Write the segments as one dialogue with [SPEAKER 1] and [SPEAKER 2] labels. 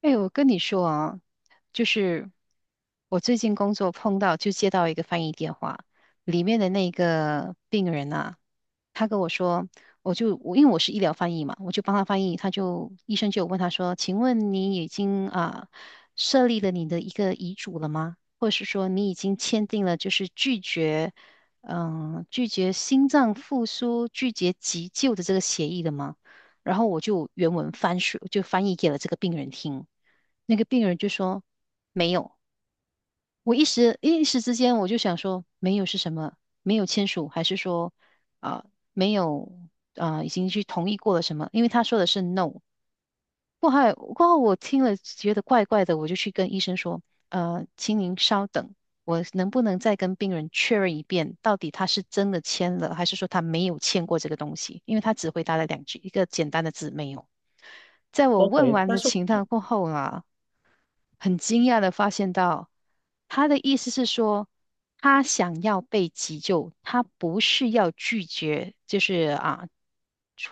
[SPEAKER 1] 哎，我跟你说啊，就是我最近工作碰到，就接到一个翻译电话，里面的那个病人啊，他跟我说，我就我因为我是医疗翻译嘛，我就帮他翻译，医生就有问他说，请问你已经设立了你的一个遗嘱了吗？或者是说你已经签订了就是拒绝心脏复苏、拒绝急救的这个协议了吗？然后我就原文翻书就翻译给了这个病人听，那个病人就说没有。我一时之间，我就想说，没有是什么？没有签署，还是说啊、没有已经去同意过了什么，因为他说的是 no。过后我听了觉得怪怪的，我就去跟医生说，请您稍等，我能不能再跟病人确认一遍，到底他是真的签了，还是说他没有签过这个东西？因为他只回答了两句，一个简单的字没有。在我问
[SPEAKER 2] OK，
[SPEAKER 1] 完
[SPEAKER 2] 但
[SPEAKER 1] 的
[SPEAKER 2] 是我
[SPEAKER 1] 情况过后很惊讶的发现到，他的意思是说，他想要被急救，他不是要拒绝，就是啊，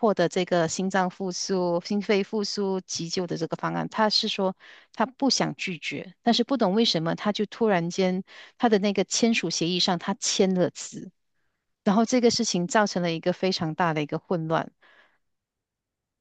[SPEAKER 1] 获得这个心脏复苏、心肺复苏急救的这个方案，他是说他不想拒绝，但是不懂为什么他就突然间他的那个签署协议上他签了字，然后这个事情造成了一个非常大的一个混乱。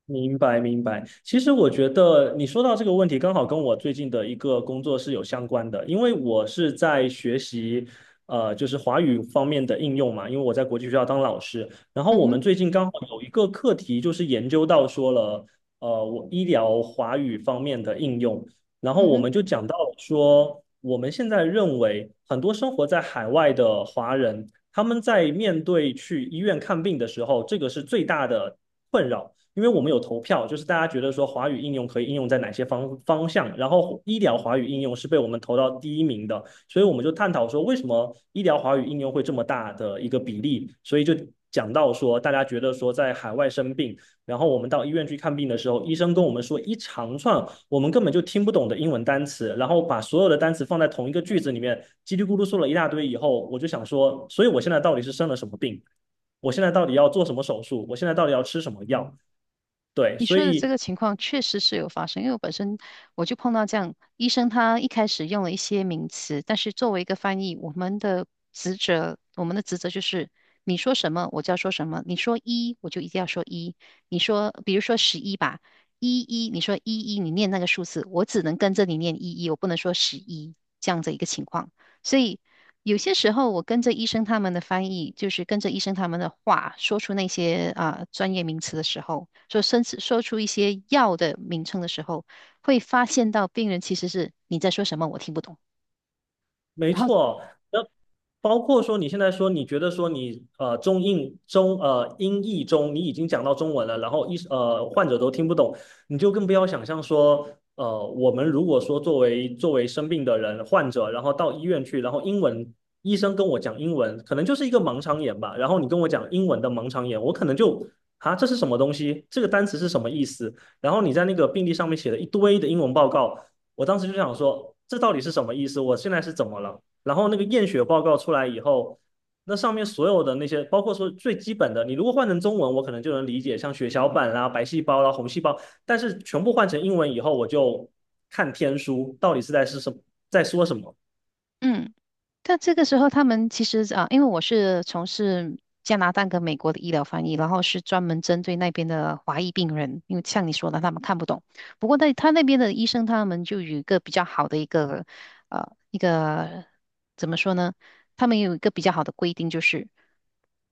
[SPEAKER 2] 明白，明白。其实我觉得你说到这个问题，刚好跟我最近的一个工作是有相关的，因为我是在学习，就是华语方面的应用嘛，因为我在国际学校当老师。然后
[SPEAKER 1] 嗯
[SPEAKER 2] 我们
[SPEAKER 1] 哼，
[SPEAKER 2] 最近刚好有一个课题，就是研究到说了，我医疗华语方面的应用。然后
[SPEAKER 1] 嗯
[SPEAKER 2] 我
[SPEAKER 1] 哼。
[SPEAKER 2] 们就讲到说，我们现在认为很多生活在海外的华人，他们在面对去医院看病的时候，这个是最大的困扰。因为我们有投票，就是大家觉得说华语应用可以应用在哪些方向，然后医疗华语应用是被我们投到第一名的，所以我们就探讨说为什么医疗华语应用会这么大的一个比例，所以就讲到说大家觉得说在海外生病，然后我们到医院去看病的时候，医生跟我们说一长串我们根本就听不懂的英文单词，然后把所有的单词放在同一个句子里面，叽里咕噜说了一大堆以后，我就想说，所以我现在到底是生了什么病？我现在到底要做什么手术，我现在到底要吃什么药。对，
[SPEAKER 1] 你
[SPEAKER 2] 所
[SPEAKER 1] 说的这
[SPEAKER 2] 以
[SPEAKER 1] 个情况确实是有发生，因为我本身我就碰到这样，医生他一开始用了一些名词，但是作为一个翻译，我们的职责就是你说什么我就要说什么，你说一我就一定要说一，你说比如说十一吧，一一你念那个数字，我只能跟着你念一一，我不能说十一这样的一个情况。所以有些时候，我跟着医生他们的翻译，就是跟着医生他们的话，说出那些专业名词的时候，说甚至说出一些药的名称的时候，会发现到病人其实是你在说什么，我听不懂。
[SPEAKER 2] 没
[SPEAKER 1] 然后，
[SPEAKER 2] 错。那包括说你现在说你觉得说你呃中印中呃英译中你已经讲到中文了，然后患者都听不懂，你就更不要想象说我们如果说作为生病的人患者，然后到医院去，然后医生跟我讲英文，可能就是一个盲肠炎吧，然后你跟我讲英文的盲肠炎，我可能就啊这是什么东西？这个单词是什么意思？然后你在那个病历上面写了一堆的英文报告。我当时就想说，这到底是什么意思？我现在是怎么了？然后那个验血报告出来以后，那上面所有的那些，包括说最基本的，你如果换成中文，我可能就能理解，像血小板啦、白细胞啦、红细胞，但是全部换成英文以后，我就看天书，到底是什么，在说什么。
[SPEAKER 1] 嗯，但这个时候，他们其实啊，因为我是从事加拿大跟美国的医疗翻译，然后是专门针对那边的华裔病人，因为像你说的，他们看不懂。不过在他那边的医生，他们就有一个比较好的一个呃一个怎么说呢？他们有一个比较好的规定，就是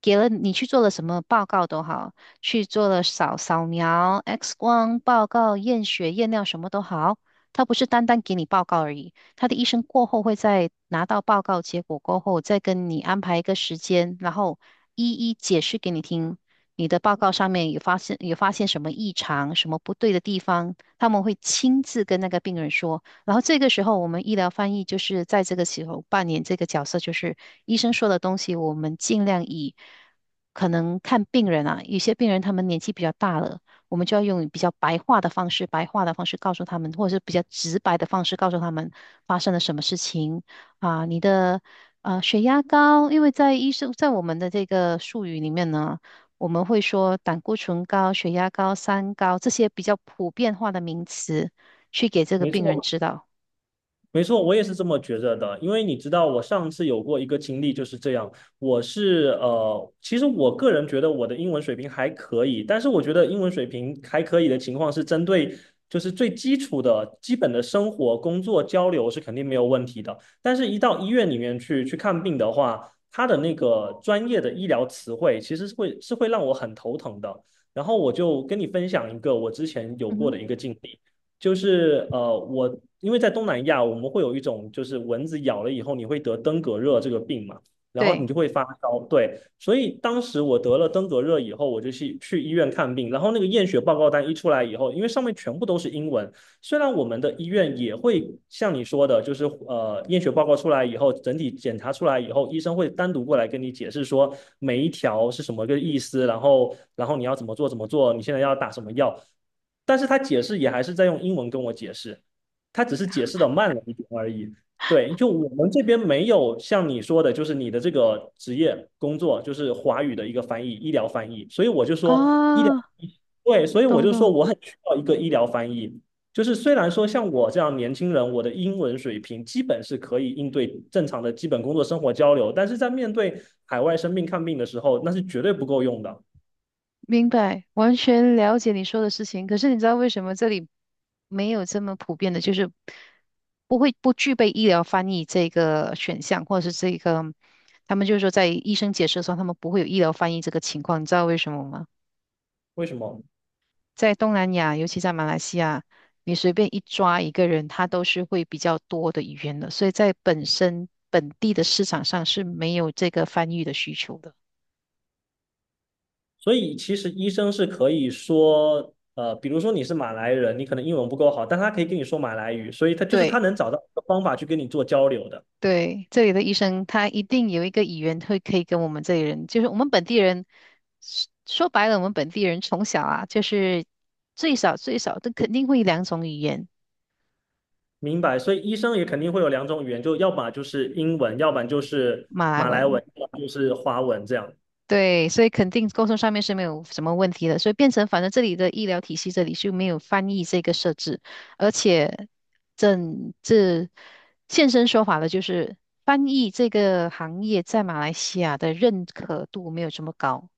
[SPEAKER 1] 给了你去做了什么报告都好，去做了扫描、X 光报告、验血、验尿什么都好，他不是单单给你报告而已。他的医生过后会在拿到报告结果过后，再跟你安排一个时间，然后一一解释给你听。你的报告上面有发现什么异常、什么不对的地方，他们会亲自跟那个病人说。然后这个时候，我们医疗翻译就是在这个时候扮演这个角色，就是医生说的东西，我们尽量以可能看病人啊，有些病人他们年纪比较大了，我们就要用比较白话的方式，白话的方式告诉他们，或者是比较直白的方式告诉他们发生了什么事情啊，你的血压高，因为在医生在我们的这个术语里面呢，我们会说胆固醇高、血压高、三高这些比较普遍化的名词，去给这个
[SPEAKER 2] 没
[SPEAKER 1] 病人
[SPEAKER 2] 错，
[SPEAKER 1] 知道。
[SPEAKER 2] 没错，我也是这么觉着的，因为你知道，我上次有过一个经历就是这样。我是其实我个人觉得我的英文水平还可以，但是我觉得英文水平还可以的情况是针对就是最基础的、基本的生活、工作交流是肯定没有问题的。但是，一到医院里面去看病的话，他的那个专业的医疗词汇其实是会让我很头疼的。然后我就跟你分享一个我之前有
[SPEAKER 1] 嗯
[SPEAKER 2] 过的
[SPEAKER 1] 哼，
[SPEAKER 2] 一个经历。就是我因为在东南亚，我们会有一种就是蚊子咬了以后你会得登革热这个病嘛，然后你
[SPEAKER 1] 对，
[SPEAKER 2] 就会发烧。对，所以当时我得了登革热以后，我就去医院看病，然后那个验血报告单一出来以后，因为上面全部都是英文，虽然我们的医院也会像你说的，就是验血报告出来以后，整体检查出来以后，医生会单独过来跟你解释说每一条是什么个意思，然后你要怎么做怎么做，你现在要打什么药，但是他解释也还是在用英文跟我解释，他只是解释的慢了一点而已。对，就我们这边没有像你说的，就是你的这个职业工作就是华语的一个翻译，医疗翻译，所以我就说医疗，
[SPEAKER 1] 啊，
[SPEAKER 2] 对，所以我
[SPEAKER 1] 懂
[SPEAKER 2] 就说
[SPEAKER 1] 懂。
[SPEAKER 2] 我很需要一个医疗翻译，就是虽然说像我这样年轻人，我的英文水平基本是可以应对正常的基本工作生活交流，但是在面对海外生病看病的时候，那是绝对不够用的。
[SPEAKER 1] 明白，完全了解你说的事情。可是你知道为什么这里没有这么普遍的，就是不具备医疗翻译这个选项，或者是这个，他们就是说在医生解释的时候，他们不会有医疗翻译这个情况。你知道为什么吗？
[SPEAKER 2] 为什么？
[SPEAKER 1] 在东南亚，尤其在马来西亚，你随便一抓一个人，他都是会比较多的语言的，所以在本地的市场上是没有这个翻译的需求的。
[SPEAKER 2] 所以其实医生是可以说，比如说你是马来人，你可能英文不够好，但他可以跟你说马来语，所以他就是他
[SPEAKER 1] 对。
[SPEAKER 2] 能找到一个方法去跟你做交流的。
[SPEAKER 1] 对，这里的医生他一定有一个语言会可以跟我们这里人，就是我们本地人，说白了，我们本地人从小啊，就是最少最少都肯定会两种语言，
[SPEAKER 2] 明白，所以医生也肯定会有两种语言，就要么就是英文，要不然就是
[SPEAKER 1] 马来
[SPEAKER 2] 马来
[SPEAKER 1] 文。
[SPEAKER 2] 文，要么就是华文这样。
[SPEAKER 1] 对，所以肯定沟通上面是没有什么问题的，所以变成反正这里的医疗体系这里是没有翻译这个设置，而且整这现身说法的就是翻译这个行业在马来西亚的认可度没有这么高。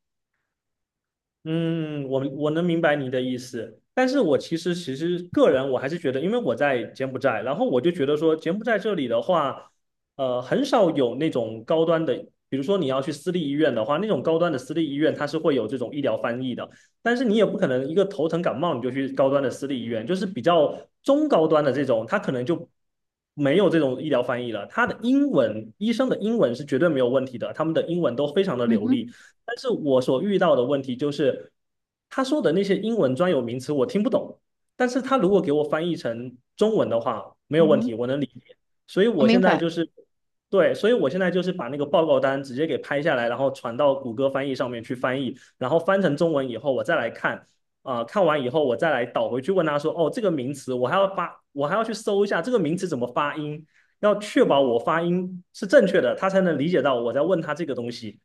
[SPEAKER 2] 嗯，我能明白你的意思，但是我其实个人我还是觉得，因为我在柬埔寨，然后我就觉得说柬埔寨这里的话，很少有那种高端的，比如说你要去私立医院的话，那种高端的私立医院它是会有这种医疗翻译的，但是你也不可能一个头疼感冒你就去高端的私立医院，就是比较中高端的这种，它可能就没有这种医疗翻译了，它的英文，医生的英文是绝对没有问题的，他们的英文都非常的
[SPEAKER 1] 嗯
[SPEAKER 2] 流
[SPEAKER 1] 哼，
[SPEAKER 2] 利。但是我所遇到的问题就是，他说的那些英文专有名词我听不懂，但是他如果给我翻译成中文的话，没有
[SPEAKER 1] 嗯
[SPEAKER 2] 问
[SPEAKER 1] 哼，
[SPEAKER 2] 题，我能理解。所以
[SPEAKER 1] 我
[SPEAKER 2] 我
[SPEAKER 1] 明
[SPEAKER 2] 现在
[SPEAKER 1] 白。
[SPEAKER 2] 就是，对，所以我现在就是把那个报告单直接给拍下来，然后传到谷歌翻译上面去翻译，然后翻成中文以后，我再来看，看完以后我再来倒回去问他说，哦，这个名词我还要发，我还要去搜一下这个名词怎么发音，要确保我发音是正确的，他才能理解到我在问他这个东西。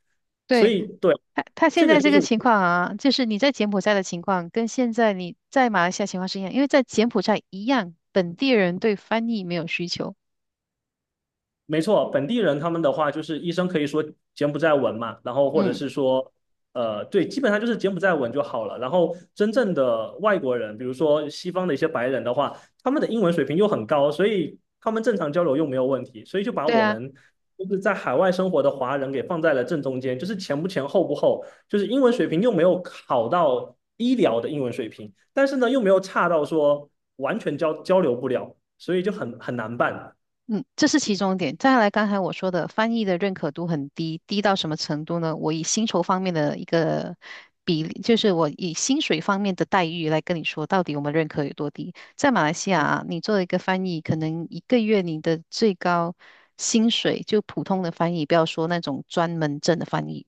[SPEAKER 2] 所
[SPEAKER 1] 对，
[SPEAKER 2] 以对，
[SPEAKER 1] 他现
[SPEAKER 2] 这个
[SPEAKER 1] 在
[SPEAKER 2] 就
[SPEAKER 1] 这
[SPEAKER 2] 是
[SPEAKER 1] 个情况啊，就是你在柬埔寨的情况，跟现在你在马来西亚情况是一样，因为在柬埔寨一样，本地人对翻译没有需求。
[SPEAKER 2] 没错，本地人他们的话就是医生可以说柬埔寨文嘛，然后或者
[SPEAKER 1] 嗯，
[SPEAKER 2] 是说，对，基本上就是柬埔寨文就好了。然后真正的外国人，比如说西方的一些白人的话，他们的英文水平又很高，所以他们正常交流又没有问题，所以就把
[SPEAKER 1] 对
[SPEAKER 2] 我
[SPEAKER 1] 啊，
[SPEAKER 2] 们就是在海外生活的华人给放在了正中间，就是前不前后不后，就是英文水平又没有好到医疗的英文水平，但是呢又没有差到说完全交流不了，所以就很难办。
[SPEAKER 1] 嗯，这是其中一点。再来，刚才我说的翻译的认可度很低，低到什么程度呢？我以薪酬方面的一个比例，就是我以薪水方面的待遇来跟你说，到底我们认可有多低。在马来西亚啊，你做一个翻译，可能一个月你的最高薪水，就普通的翻译，不要说那种专门证的翻译，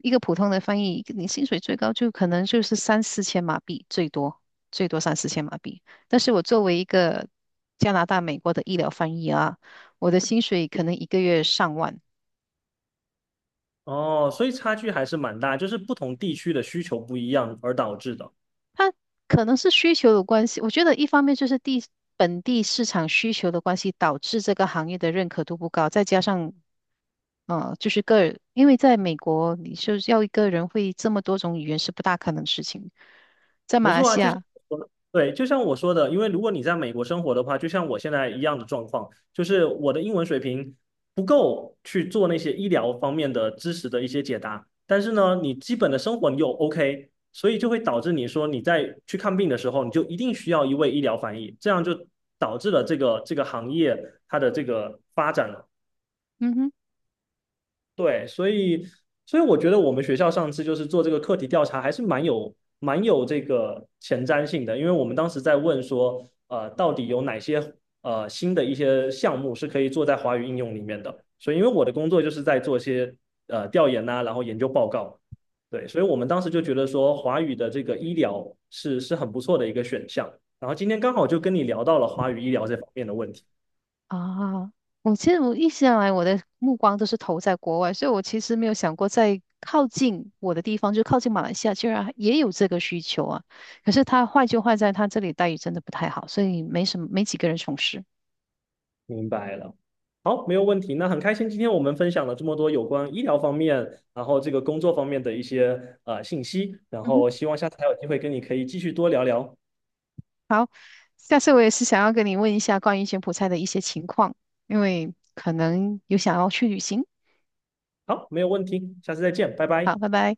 [SPEAKER 1] 一个普通的翻译，你薪水最高就可能就是三四千马币，最多最多三四千马币。但是我作为一个加拿大、美国的医疗翻译啊，我的薪水可能一个月上万。
[SPEAKER 2] 哦，所以差距还是蛮大，就是不同地区的需求不一样而导致的。
[SPEAKER 1] 它可能是需求的关系，我觉得一方面就是本地市场需求的关系，导致这个行业的认可度不高，再加上就是个，因为在美国，你就是要一个人会这么多种语言是不大可能的事情，在
[SPEAKER 2] 没
[SPEAKER 1] 马来
[SPEAKER 2] 错啊，
[SPEAKER 1] 西
[SPEAKER 2] 就像
[SPEAKER 1] 亚，
[SPEAKER 2] 我说的对，就像我说的，因为如果你在美国生活的话，就像我现在一样的状况，就是我的英文水平不够去做那些医疗方面的知识的一些解答，但是呢，你基本的生活你又 OK,所以就会导致你说你在去看病的时候，你就一定需要一位医疗翻译，这样就导致了这个行业它的这个发展了。
[SPEAKER 1] 嗯哼。
[SPEAKER 2] 对，所以我觉得我们学校上次就是做这个课题调查，还是蛮有这个前瞻性的，因为我们当时在问说，到底有哪些新的一些项目是可以做在华语应用里面的，所以因为我的工作就是在做一些调研呐、然后研究报告，对，所以我们当时就觉得说华语的这个医疗是很不错的一个选项，然后今天刚好就跟你聊到了华语医疗这方面的问题。
[SPEAKER 1] 啊，其实我一直以来我的目光都是投在国外，所以我其实没有想过在靠近我的地方，就靠近马来西亚，居然也有这个需求啊。可是它坏就坏在它这里待遇真的不太好，所以没什么，没几个人从事。
[SPEAKER 2] 明白了，好，没有问题。那很开心，今天我们分享了这么多有关医疗方面，然后这个工作方面的一些信息，然
[SPEAKER 1] 嗯哼，
[SPEAKER 2] 后希望下次还有机会跟你可以继续多聊聊。
[SPEAKER 1] 好，下次我也是想要跟你问一下关于柬埔寨的一些情况，因为可能有想要去旅行。
[SPEAKER 2] 好，没有问题，下次再见，拜拜。
[SPEAKER 1] 好，拜拜。